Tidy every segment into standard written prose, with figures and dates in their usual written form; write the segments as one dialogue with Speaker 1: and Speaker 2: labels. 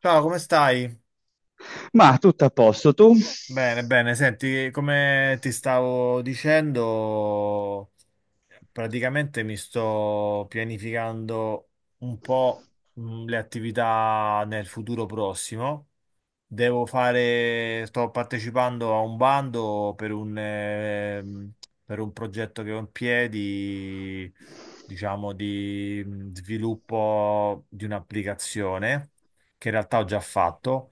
Speaker 1: Ciao, come stai?
Speaker 2: Ma tutto a posto, tu?
Speaker 1: Bene, bene. Senti, come ti stavo dicendo, praticamente mi sto pianificando un po' le attività nel futuro prossimo. Devo fare, sto partecipando a un bando per un progetto che ho in piedi, diciamo, di sviluppo di un'applicazione che in realtà ho già fatto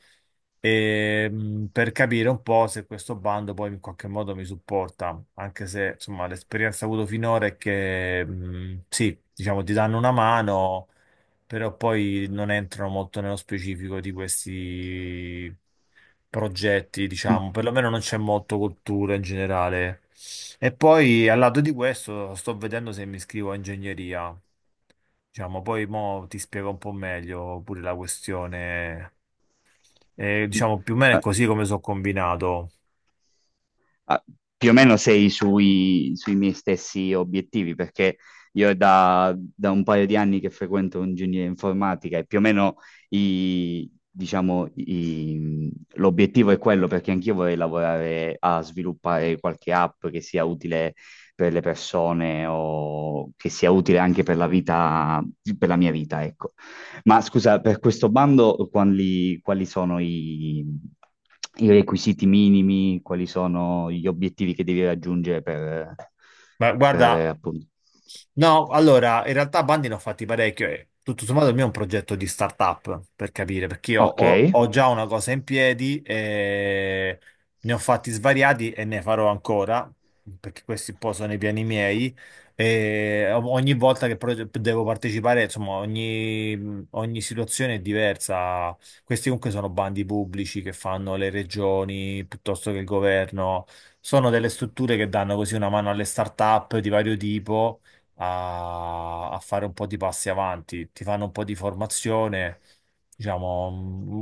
Speaker 1: e, per capire un po' se questo bando poi in qualche modo mi supporta, anche se insomma l'esperienza avuto finora è che sì, diciamo ti danno una mano, però poi non entrano molto nello specifico di questi progetti,
Speaker 2: Mm,
Speaker 1: diciamo, perlomeno non c'è molto cultura in generale. E poi al lato di questo sto vedendo se mi iscrivo a ingegneria. Diciamo, poi mo ti spiego un po' meglio pure la questione
Speaker 2: mm.
Speaker 1: diciamo più o meno è
Speaker 2: Eh,
Speaker 1: così come sono combinato.
Speaker 2: Ah, più o meno sei sui miei stessi obiettivi, perché io è da un paio di anni che frequento ingegneria informatica e più o meno i- diciamo, l'obiettivo è quello, perché anch'io vorrei lavorare a sviluppare qualche app che sia utile per le persone o che sia utile anche per la vita, per la mia vita, ecco. Ma scusa, per questo bando quali sono i requisiti minimi, quali sono gli obiettivi che devi raggiungere per,
Speaker 1: Ma
Speaker 2: per
Speaker 1: guarda,
Speaker 2: avere appunto.
Speaker 1: no, allora, in realtà bandi ne ho fatti parecchio e tutto sommato il mio è un progetto di startup, per capire, perché io ho,
Speaker 2: Ok.
Speaker 1: ho già una cosa in piedi e ne ho fatti svariati e ne farò ancora, perché questi un po' sono i piani miei. E ogni volta che devo partecipare, insomma, ogni situazione è diversa. Questi comunque sono bandi pubblici che fanno le regioni piuttosto che il governo. Sono delle strutture che danno così una mano alle start-up di vario tipo a fare un po' di passi avanti, ti fanno un po' di formazione, diciamo,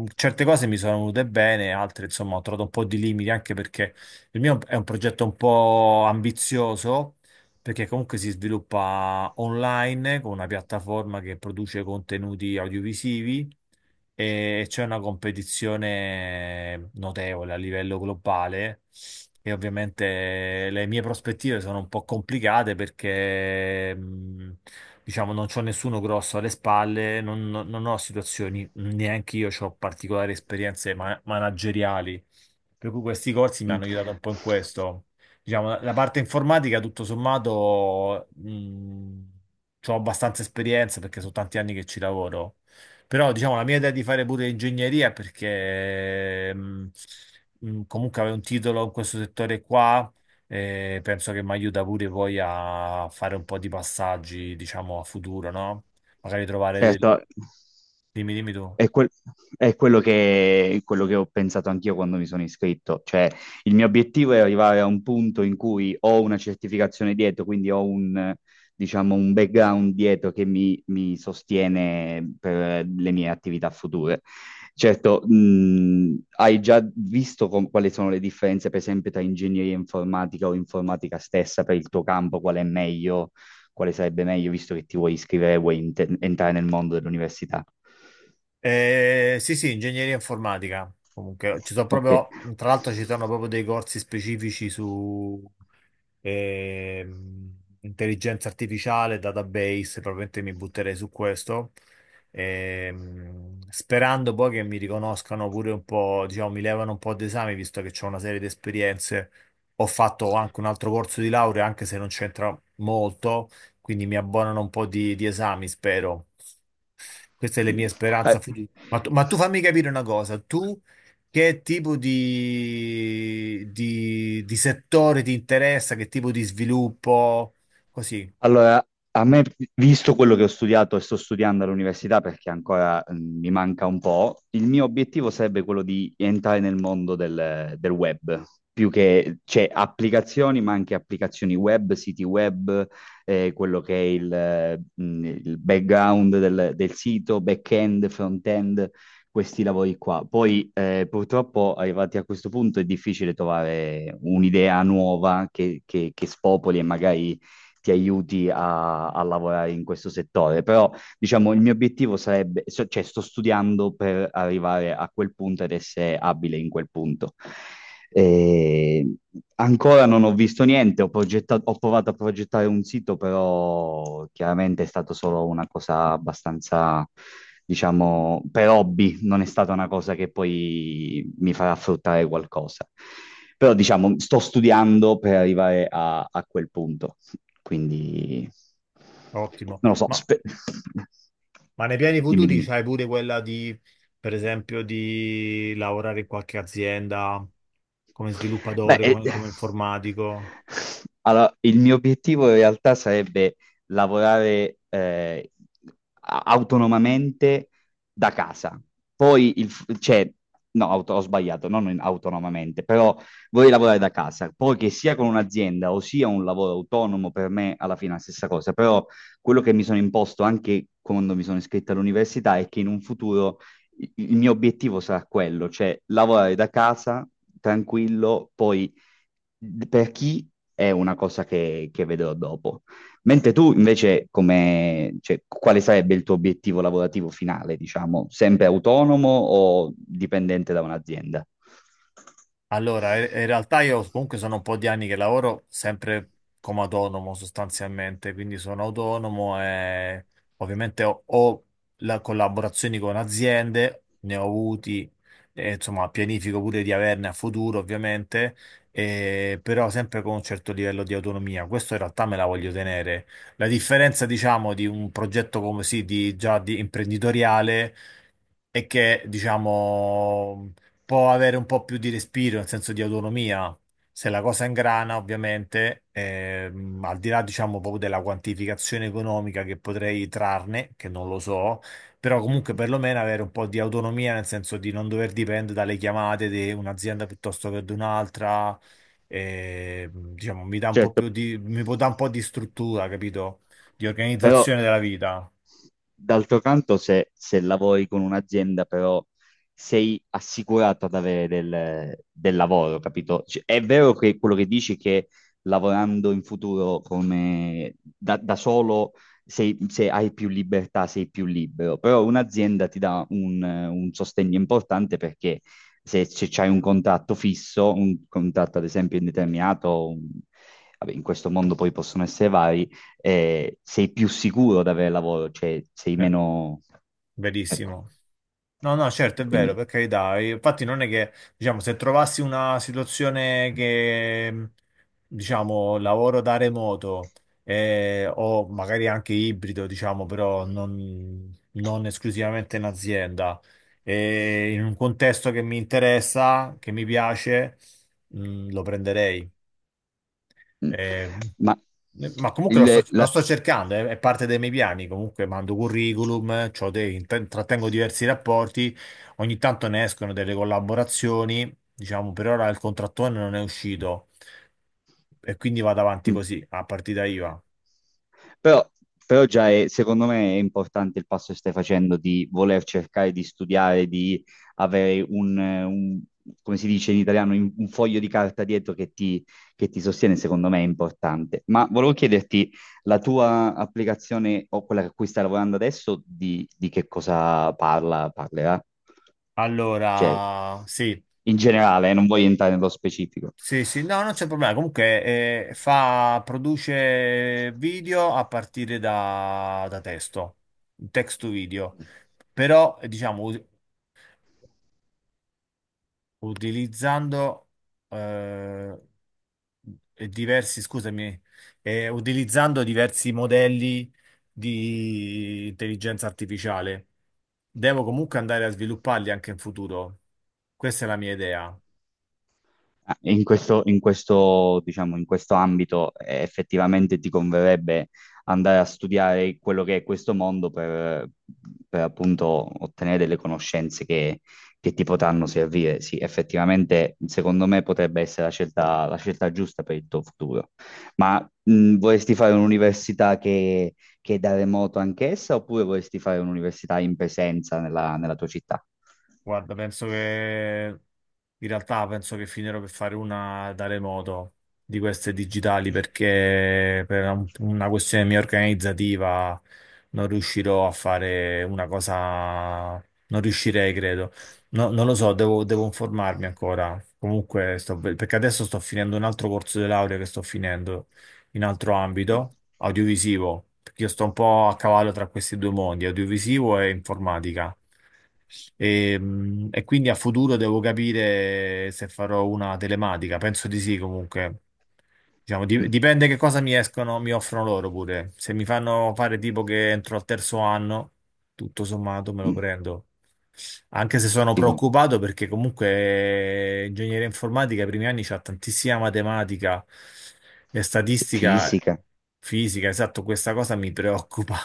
Speaker 1: certe cose mi sono venute bene, altre insomma ho trovato un po' di limiti anche perché il mio è un progetto un po' ambizioso. Perché comunque si sviluppa online con una piattaforma che produce contenuti audiovisivi e c'è una competizione notevole a livello globale e ovviamente le mie prospettive sono un po' complicate perché diciamo non c'ho nessuno grosso alle spalle, non ho situazioni, neanche io ho particolari esperienze manageriali, per cui questi corsi mi
Speaker 2: Mm.
Speaker 1: hanno aiutato un po' in questo. Diciamo, la parte informatica, tutto sommato, ho abbastanza esperienza perché sono tanti anni che ci lavoro però diciamo la mia idea di fare pure ingegneria perché comunque avevo un titolo in questo settore qua e penso che mi aiuta pure poi a fare un po' di passaggi, diciamo, a futuro, no? Magari trovare del-
Speaker 2: Certo,
Speaker 1: Dimmi, dimmi tu.
Speaker 2: è, quel- è quello che ho pensato anch'io quando mi sono iscritto, cioè il mio obiettivo è arrivare a un punto in cui ho una certificazione dietro, quindi ho un, diciamo, un background dietro che mi sostiene per le mie attività future. Certo, hai già visto quali sono le differenze, per esempio, tra ingegneria informatica o informatica stessa per il tuo campo, qual è meglio? Quale sarebbe meglio, visto che ti vuoi iscrivere, vuoi entrare nel mondo dell'università.
Speaker 1: Sì, sì, ingegneria informatica. Comunque, ci sono
Speaker 2: Ok.
Speaker 1: proprio, tra l'altro ci sono proprio dei corsi specifici su ehm, intelligenza artificiale, database, probabilmente mi butterei su questo. Sperando poi che mi riconoscano pure un po', diciamo, mi levano un po' d'esami, visto che ho una serie di esperienze. Ho fatto anche un altro corso di laurea, anche se non c'entra molto, quindi mi abbonano un po' di esami, spero. Queste le mie
Speaker 2: Eh,
Speaker 1: speranze future. Ma tu fammi capire una cosa, tu che tipo di settore ti interessa, che tipo di sviluppo? Così,
Speaker 2: Allora, a me, visto quello che ho studiato e sto studiando all'università, perché ancora mi manca un po', il mio obiettivo sarebbe quello di entrare nel mondo del web, più che, cioè, applicazioni, ma anche applicazioni web, siti web, quello che è il background del sito, back-end, front-end, questi lavori qua. Poi, purtroppo, arrivati a questo punto, è difficile trovare un'idea nuova che, che spopoli e magari ti aiuti a lavorare in questo settore. Però, diciamo, il mio obiettivo sarebbe, cioè sto studiando per arrivare a quel punto ed essere abile in quel punto. E ancora non ho visto niente, ho provato a progettare un sito, però chiaramente è stato solo una cosa abbastanza, diciamo, per hobby, non è stata una cosa che poi mi farà fruttare qualcosa. Però diciamo, sto studiando per arrivare a quel punto. Quindi,
Speaker 1: ottimo.
Speaker 2: non lo so,
Speaker 1: Ma nei piani
Speaker 2: dimmi,
Speaker 1: futuri
Speaker 2: dimmi.
Speaker 1: c'hai pure quella di, per esempio, di lavorare in qualche azienda come
Speaker 2: Beh,
Speaker 1: sviluppatore, come, come informatico?
Speaker 2: allora, il mio obiettivo in realtà sarebbe lavorare autonomamente da casa. Poi, cioè, no, ho sbagliato, non autonomamente, però vorrei lavorare da casa. Poi che sia con un'azienda o sia un lavoro autonomo, per me alla fine è la stessa cosa. Però quello che mi sono imposto anche quando mi sono iscritto all'università è che in un futuro il mio obiettivo sarà quello, cioè lavorare da casa tranquillo, poi per chi è una cosa che vedrò dopo. Mentre tu invece, come, cioè, quale sarebbe il tuo obiettivo lavorativo finale, diciamo? Sempre autonomo o dipendente da un'azienda?
Speaker 1: Allora, in realtà io comunque sono un po' di anni che lavoro sempre come autonomo sostanzialmente, quindi sono autonomo e ovviamente ho la collaborazioni con aziende, ne ho avuti, e insomma pianifico pure di averne a futuro ovviamente, però sempre con un certo livello di autonomia. Questo in realtà me la voglio tenere. La differenza diciamo di un progetto come sì, di, già di imprenditoriale e che, diciamo, può avere un po' più di respiro, nel senso di autonomia. Se la cosa ingrana, ovviamente, al di là, diciamo, proprio della quantificazione economica che potrei trarne, che non lo so, però comunque perlomeno avere un po' di autonomia, nel senso di non dover dipendere dalle chiamate di un'azienda piuttosto che di un'altra, diciamo, mi dà un po'
Speaker 2: Certo.
Speaker 1: più di, mi può dare un po' di struttura, capito? Di
Speaker 2: Però
Speaker 1: organizzazione della vita.
Speaker 2: d'altro canto se lavori con un'azienda però sei assicurato ad avere del lavoro, capito? Cioè, è vero che quello che dici che lavorando in futuro come da solo se hai più libertà, sei più libero, però un'azienda ti dà un sostegno importante perché se c'hai un contratto fisso, un contratto ad esempio indeterminato, vabbè, in questo mondo poi possono essere vari, sei più sicuro di avere lavoro, cioè sei
Speaker 1: Eh,
Speaker 2: meno. Ecco,
Speaker 1: verissimo. No, no, certo,
Speaker 2: e
Speaker 1: è vero,
Speaker 2: quindi.
Speaker 1: per carità. Infatti non è che, diciamo, se trovassi una situazione che, diciamo, lavoro da remoto o magari anche ibrido, diciamo, però non esclusivamente in azienda, e in un contesto che mi interessa, che mi piace, lo prenderei.
Speaker 2: Mm.
Speaker 1: Eh,
Speaker 2: Ma
Speaker 1: ma comunque
Speaker 2: il,
Speaker 1: lo
Speaker 2: la.
Speaker 1: sto cercando, è parte dei miei piani. Comunque mando curriculum, c'ho dei- intrattengo diversi rapporti, ogni tanto ne escono delle collaborazioni. Diciamo, per ora il contrattone non è uscito e quindi vado avanti
Speaker 2: Mm.
Speaker 1: così, a partita IVA.
Speaker 2: Però, però, già secondo me è importante il passo che stai facendo di voler cercare di studiare, di avere come si dice in italiano, un foglio di carta dietro che che ti sostiene, secondo me è importante. Ma volevo chiederti, la tua applicazione o quella a cui stai lavorando adesso, di che cosa parla, parlerà? Cioè,
Speaker 1: Allora, sì.
Speaker 2: in generale, non voglio entrare nello specifico.
Speaker 1: Sì, sì, no, non c'è problema. Comunque, fa, produce video a partire da testo, text to video. Però, diciamo, utilizzando eh, e diversi, scusami, utilizzando diversi modelli di intelligenza artificiale. Devo comunque andare a svilupparli anche in futuro. Questa è la mia idea.
Speaker 2: In questo, diciamo, in questo ambito effettivamente ti converrebbe andare a studiare quello che è questo mondo per appunto ottenere delle conoscenze che ti potranno servire. Sì, effettivamente secondo me potrebbe essere la scelta giusta per il tuo futuro. Ma vorresti fare un'università che è da remoto anch'essa oppure vorresti fare un'università in presenza nella tua città?
Speaker 1: Guarda, penso che in realtà penso che finirò per fare una da remoto di queste digitali perché per una questione mia organizzativa non riuscirò a fare una cosa, non riuscirei, credo. Non lo so, devo informarmi ancora. Comunque, sto, perché adesso sto finendo un altro corso di laurea che sto finendo in altro ambito, audiovisivo, perché io sto un po' a cavallo tra questi due mondi, audiovisivo e informatica. E quindi a futuro devo capire se farò una telematica, penso di sì comunque. Diciamo,
Speaker 2: Mm,
Speaker 1: dipende che cosa mi escono, mi offrono loro pure. Se mi fanno fare tipo che entro al terzo anno, tutto sommato me
Speaker 2: mm.
Speaker 1: lo
Speaker 2: Mm.
Speaker 1: prendo. Anche se sono
Speaker 2: Dico,
Speaker 1: preoccupato perché comunque ingegneria informatica, i primi anni c'ha tantissima matematica e
Speaker 2: cioè,
Speaker 1: statistica,
Speaker 2: fisica.
Speaker 1: fisica, esatto, questa cosa mi preoccupa.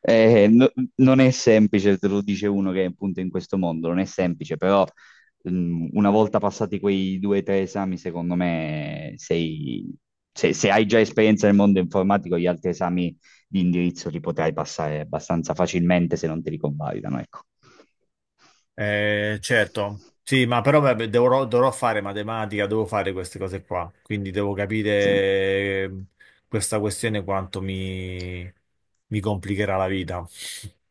Speaker 2: Eh, no- non è semplice, te lo dice uno che è appunto in questo mondo, non è semplice, però una volta passati quei due o tre esami, secondo me sei. Se hai già esperienza nel mondo informatico, gli altri esami di indirizzo li potrai passare abbastanza facilmente se non te li convalidano, ecco.
Speaker 1: Certo, sì, ma però vabbè, dovrò fare matematica, devo fare queste cose qua, quindi devo capire
Speaker 2: Sì.
Speaker 1: eh, questa questione mi complicherà la vita.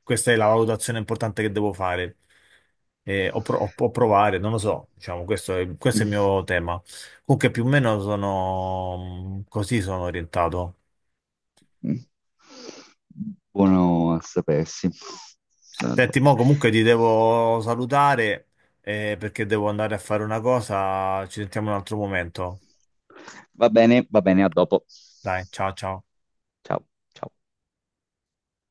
Speaker 1: Questa è la valutazione importante che devo fare. O provare, non lo so, diciamo, questo è
Speaker 2: Mm.
Speaker 1: il mio tema. Comunque più o meno sono mm, così sono orientato.
Speaker 2: Mm. Buono a sapersi.
Speaker 1: Senti,
Speaker 2: Allora.
Speaker 1: mo comunque ti devo salutare perché devo andare a fare una cosa, ci sentiamo in un altro momento.
Speaker 2: Va bene, a dopo.
Speaker 1: Dai, ciao ciao.
Speaker 2: Ciao, ciao.